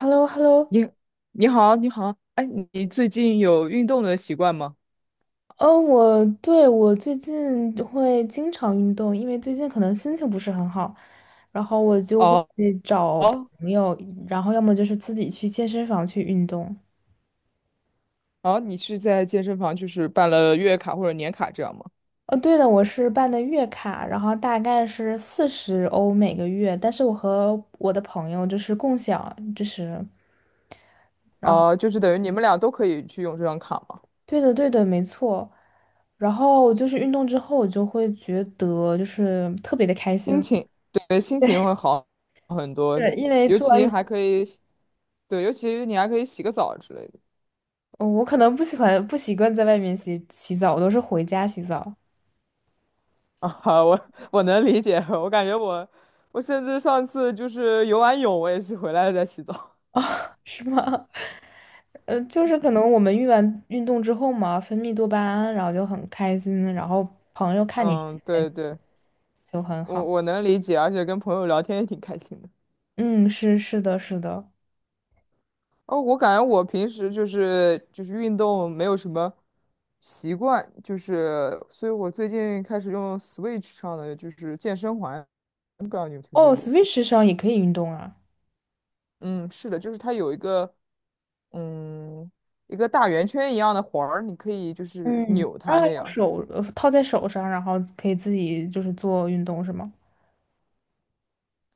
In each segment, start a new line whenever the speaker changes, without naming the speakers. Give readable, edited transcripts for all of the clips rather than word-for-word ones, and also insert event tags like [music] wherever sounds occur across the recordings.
h e l l o h e l l o。
你你好，你好，哎，你最近有运动的习惯吗？
我最近会经常运动，因为最近可能心情不是很好，然后我就会
哦
找
哦
朋友，然后要么就是自己去健身房去运动。
哦，你是在健身房就是办了月卡或者年卡这样吗？
哦，对的，我是办的月卡，然后大概是四十欧每个月，但是我和我的朋友就是共享，就是，然后
哦，就是等于你们俩都可以去用这张卡吗？
对的，对的，没错。然后就是运动之后，我就会觉得就是特别的开
心
心，
情，对，心情会好很多，
是因为
尤
做完
其
运
还可以洗，对，尤其你还可以洗个澡之类的。
哦我可能不喜欢不习惯在外面洗洗澡，我都是回家洗澡。
啊，我能理解，我感觉我甚至上次就是游完泳，我也是回来再洗澡。
啊，[laughs] 是吗？就是可能我们运动之后嘛，分泌多巴胺，然后就很开心，然后朋友
[laughs]
看你很
嗯，
开心
对对，
就很
我
好。
我能理解，而且跟朋友聊天也挺开心的。
嗯，是的，是的。
哦，我感觉我平时就是运动没有什么习惯，就是所以我最近开始用 Switch 上的就是健身环，不知道你有没有听说
哦
过？
，Switch 上也可以运动啊。
嗯，是的，就是它有嗯一个大圆圈一样的环儿，你可以就是
嗯，
扭
啊，
它那
用
样。
手套在手上，然后可以自己就是做运动是吗？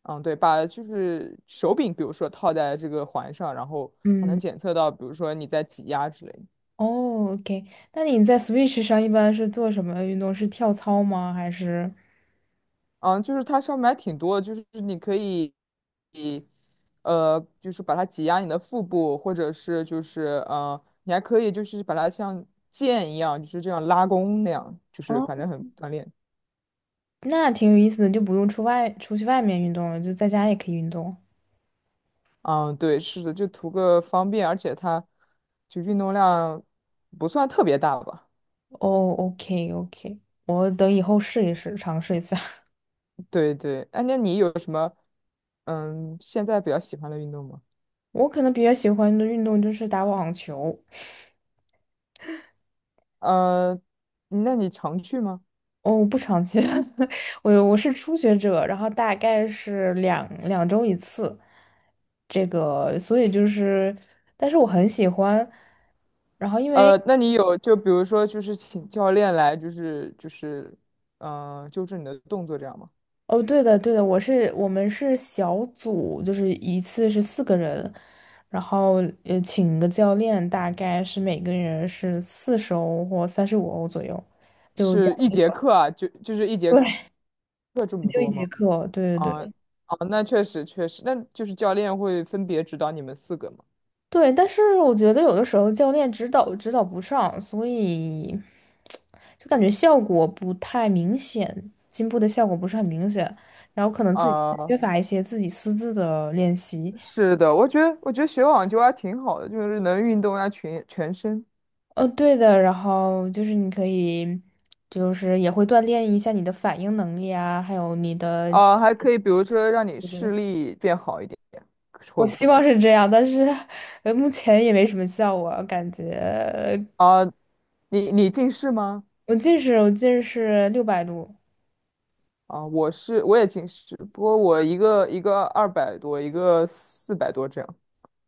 嗯，对，把就是手柄，比如说套在这个环上，然后它能
嗯，
检测到，比如说你在挤压之类的。
哦，OK。那你在 Switch 上一般是做什么运动？是跳操吗？还是？
嗯，就是它上面还挺多的，就是你可以，就是把它挤压你的腹部，或者是就是你还可以就是把它像剑一样，就是这样拉弓那样，就是反正很锻炼。
那挺有意思的，就不用出去外面运动了，就在家也可以运动。
嗯，对，是的，就图个方便，而且它就运动量不算特别大吧。
哦，OK OK，我等以后试一试，尝试一下。[laughs]
对对，哎，那你有什么现在比较喜欢的运动吗？
我可能比较喜欢的运动就是打网球。
呃，那你常去吗？
哦，我不常去，[laughs] 我是初学者，然后大概是两周一次，这个，所以就是，但是我很喜欢。然后因为
那你有就比如说就是请教练来就是纠正你的动作这样吗？
哦，对的，对的，我们是小组，就是一次是四个人，然后请个教练，大概是每个人是四十欧或35欧左右，就这
是
样
一节
子
课啊，就是一
[laughs]
节课
对，
这么
就一
多
节
吗？
课，对对
啊
对
啊，那确实确实，那就是教练会分别指导你们四个吗？
对。但是我觉得有的时候教练指导不上，所以就感觉效果不太明显，进步的效果不是很明显，然后可能自己缺
啊，
乏一些自己私自的练习。
是的，我觉得学网球还挺好的，就是能运动一下全身，
哦，对的，然后就是你可以，就是也会锻炼一下你的反应能力啊，还有你的，
啊，还可以比如说让你
就
视
是
力变好一点，会
我
不
希
会？
望是这样，但是目前也没什么效果，感觉
啊，你近视吗？
我近视，我近视600度，
啊，我也近视，不过我一个一个200多，一个400多这样。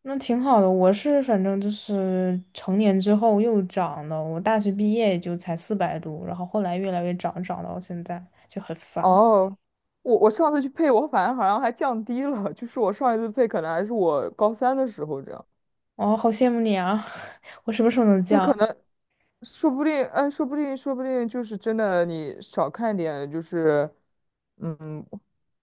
那挺好的。我是反正就是成年之后又长了，我大学毕业也就才400度，然后后来越来越长，长到现在就很烦。
哦，我上次去配，我反而好像还降低了，就是我上一次配可能还是我高三的时候这样。
哦，好羡慕你啊！[laughs] 我什么时候能
对，可
降？
能说不定，哎，说不定，说不定就是真的，你少看点，嗯，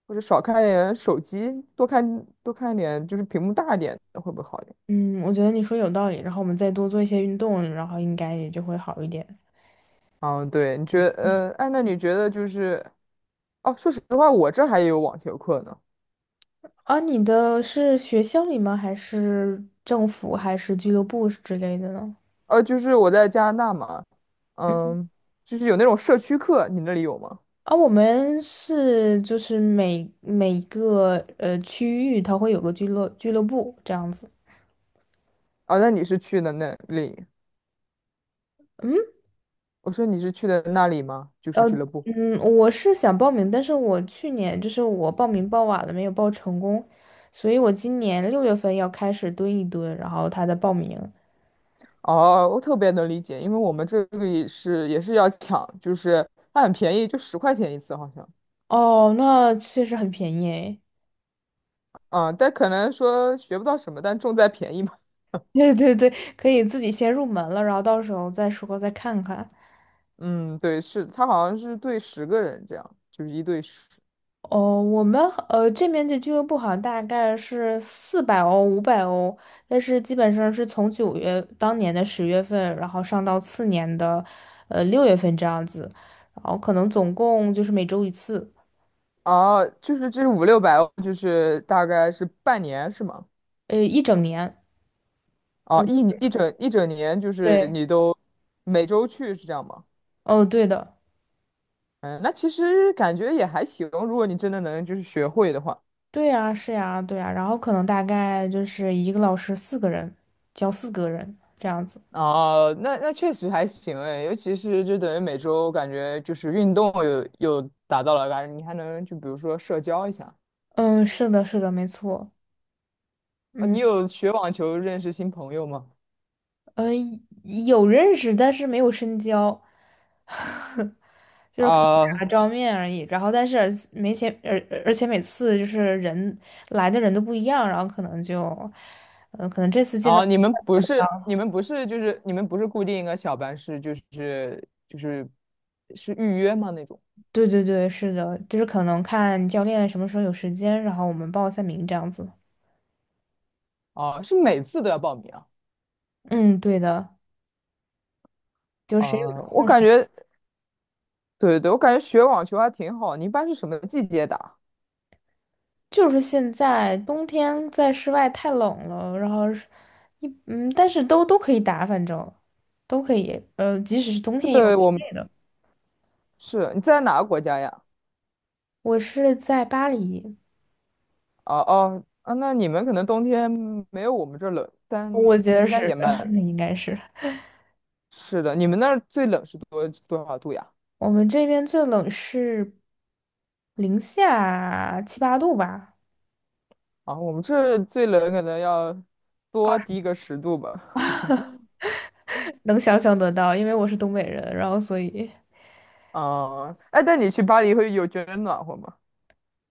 或者少看点手机，多看点，就是屏幕大一点的会不会好一点？
嗯，我觉得你说有道理，然后我们再多做一些运动，然后应该也就会好一点。
嗯，对，你觉得，哎，那你觉得就是，哦，说实话，我这还有网球课呢。
啊，你的是学校里吗？还是政府，还是俱乐部之类的呢？
就是我在加拿大嘛，
嗯，
嗯，就是有那种社区课，你那里有吗？
啊，我们是就是每一个区域，它会有个俱乐部这样子。
啊，那你是去的那里？我说你是去的那里吗？就
呃，
是俱乐部。
嗯，我是想报名，但是我去年就是我报名报晚了，没有报成功，所以我今年六月份要开始蹲一蹲，然后他的报名。
哦，我特别能理解，因为我们这里也是要抢，就是它很便宜，就10块钱一次好像。
哦，那确实很便宜诶。
啊，但可能说学不到什么，但重在便宜嘛。
对对对，可以自己先入门了，然后到时候再说再看看。
[laughs] 嗯，对，是，它好像是对10个人这样，就是1对10。
哦，我们这边的俱乐部好像大概是400欧、500欧，但是基本上是从当年的10月份，然后上到次年的六月份这样子，然后可能总共就是每周一次，
哦，就是这五六百，五六百就是大概是半年是吗？
一整年。
哦，
嗯，
一整年就是
对，
你都每周去是这样吗？
哦对的，
嗯，那其实感觉也还行，如果你真的能就是学会的话。
对呀，是呀，对呀，然后可能大概就是一个老师四个人，教四个人这样子。
哦，那确实还行哎，尤其是就等于每周感觉就是运动有达到了，感觉你还能就比如说社交一下。
嗯，是的，是的，没错。
你
嗯，
有学网球认识新朋友吗？
呃，有认识，但是没有深交，[laughs] 就是可能打
啊，
照面而已。然后，但是而没钱，而且每次就是来的人都不一样，然后可能就，嗯、可能这次见到，
哦，你们不是
啊
你们不是就是你们不是固定一个小班，是就是是预约吗那种？
对对对，是的，就是可能看教练什么时候有时间，然后我们报一下名这样子。
啊，是每次都要报名啊？
嗯，对的，就谁有
啊，我
空
感觉，对对对，我感觉学网球还挺好。你一般是什么季节打？
就是现在冬天在室外太冷了，然后是一嗯，但是都可以打，反正都可以，即使是冬天也有
对，
室
我们
内的。
是你在哪个国家呀？
我是在巴黎，
哦哦啊，那你们可能冬天没有我们这儿冷，但
我觉得
应该
是，
也蛮
[laughs]
冷
那应该是
是的。你们那儿最冷是多少度呀？
我们这边最冷是零下七八度吧，
啊，我们这儿最冷可能要多低个10度吧。
能想象得到，因为我是东北人，然后所以。
啊，哎，但你去巴黎会有觉得暖和吗？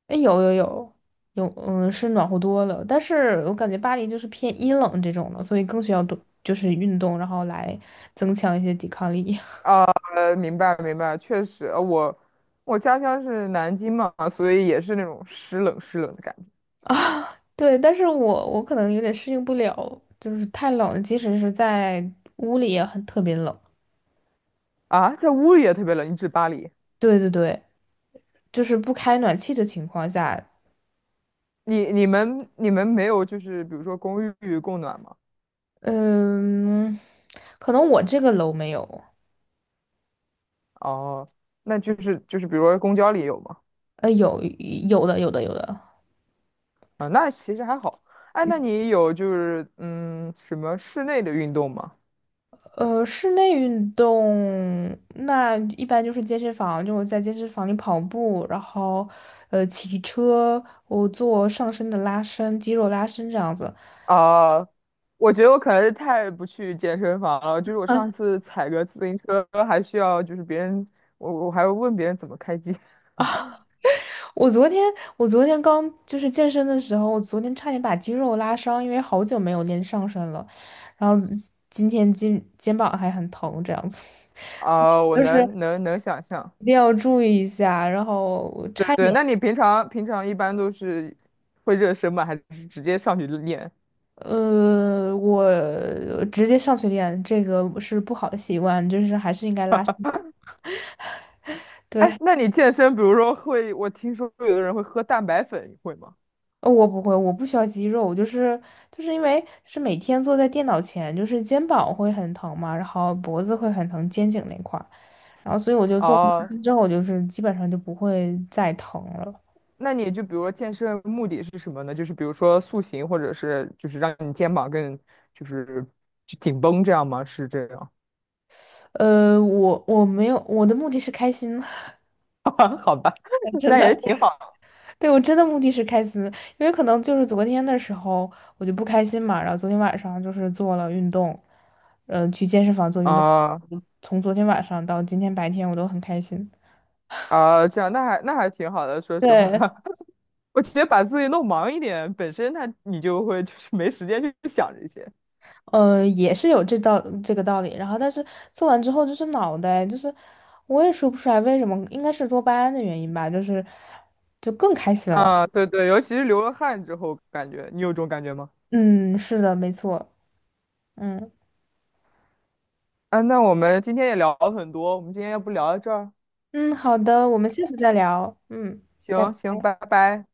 哎，有有有有，嗯，是暖和多了。但是我感觉巴黎就是偏阴冷这种的，所以更需要多就是运动，然后来增强一些抵抗力
啊，明白明白，确实，我家乡是南京嘛，所以也是那种湿冷湿冷的感觉。
[laughs] 啊。对，但是我可能有点适应不了，就是太冷了即使是在屋里也很特别冷。
啊，在屋里也特别冷，你指巴黎？
对对对，就是不开暖气的情况下，
你们没有就是比如说公寓供暖吗？
嗯，可能我这个楼没有，
哦，那就是比如说公交里有吗？
有有的有的有的，
啊，那其实还好。哎，那你有就是什么室内的运动吗？
室内运动那一般就是健身房，就我在健身房里跑步，然后骑车，我做上身的拉伸、肌肉拉伸这样子。
啊，我觉得我可能是太不去健身房了，就是我
啊，
上次踩个自行车还需要就是别人，我还要问别人怎么开机。[laughs]
我昨天我昨天刚就是健身的时候，我昨天差点把肌肉拉伤，因为好久没有练上身了，然后今天肩膀还很疼这样子，[laughs] 所以
啊，我
就是
能能能想象。
一定要注意一下，然后我
对
差
对，
点。
那你平常一般都是会热身吗？还是直接上去就练？
我直接上去练，这个是不好的习惯，就是还是应该拉伸一下。
哎，那你健身，比如说会，我听说有的人会喝蛋白粉，你会吗？
我不会，我不需要肌肉，就是因为是每天坐在电脑前，就是肩膀会很疼嘛，然后脖子会很疼，肩颈那块儿，然后所以我就做
哦，
完之后，我就是基本上就不会再疼了。
那你就比如说健身目的是什么呢？就是比如说塑形，或者是就是让你肩膀更就是就紧绷这样吗？是这样？
我没有，我的目的是开心，
[laughs] 好吧，
[laughs]
[laughs]
真
那
的。
也挺好的
对，我真的目的是开心，因为可能就是昨天的时候我就不开心嘛，然后昨天晚上就是做了运动，嗯、去健身房做运动，
啊
从昨天晚上到今天白天我都很开心。
啊，这样那还挺好的，说实话，
对，
[laughs] 我直接把自己弄忙一点，本身那你就会就是没时间去想这些。
也是有这个道理。然后，但是做完之后就是脑袋，就是我也说不出来为什么，应该是多巴胺的原因吧，就是就更开心了。
啊，对对，尤其是流了汗之后，感觉你有这种感觉吗？
嗯，是的，没错。嗯
啊，那我们今天也聊了很多，我们今天要不聊到这儿？
嗯，好的，我们下次再聊。嗯。拜
行
拜。
行，拜拜。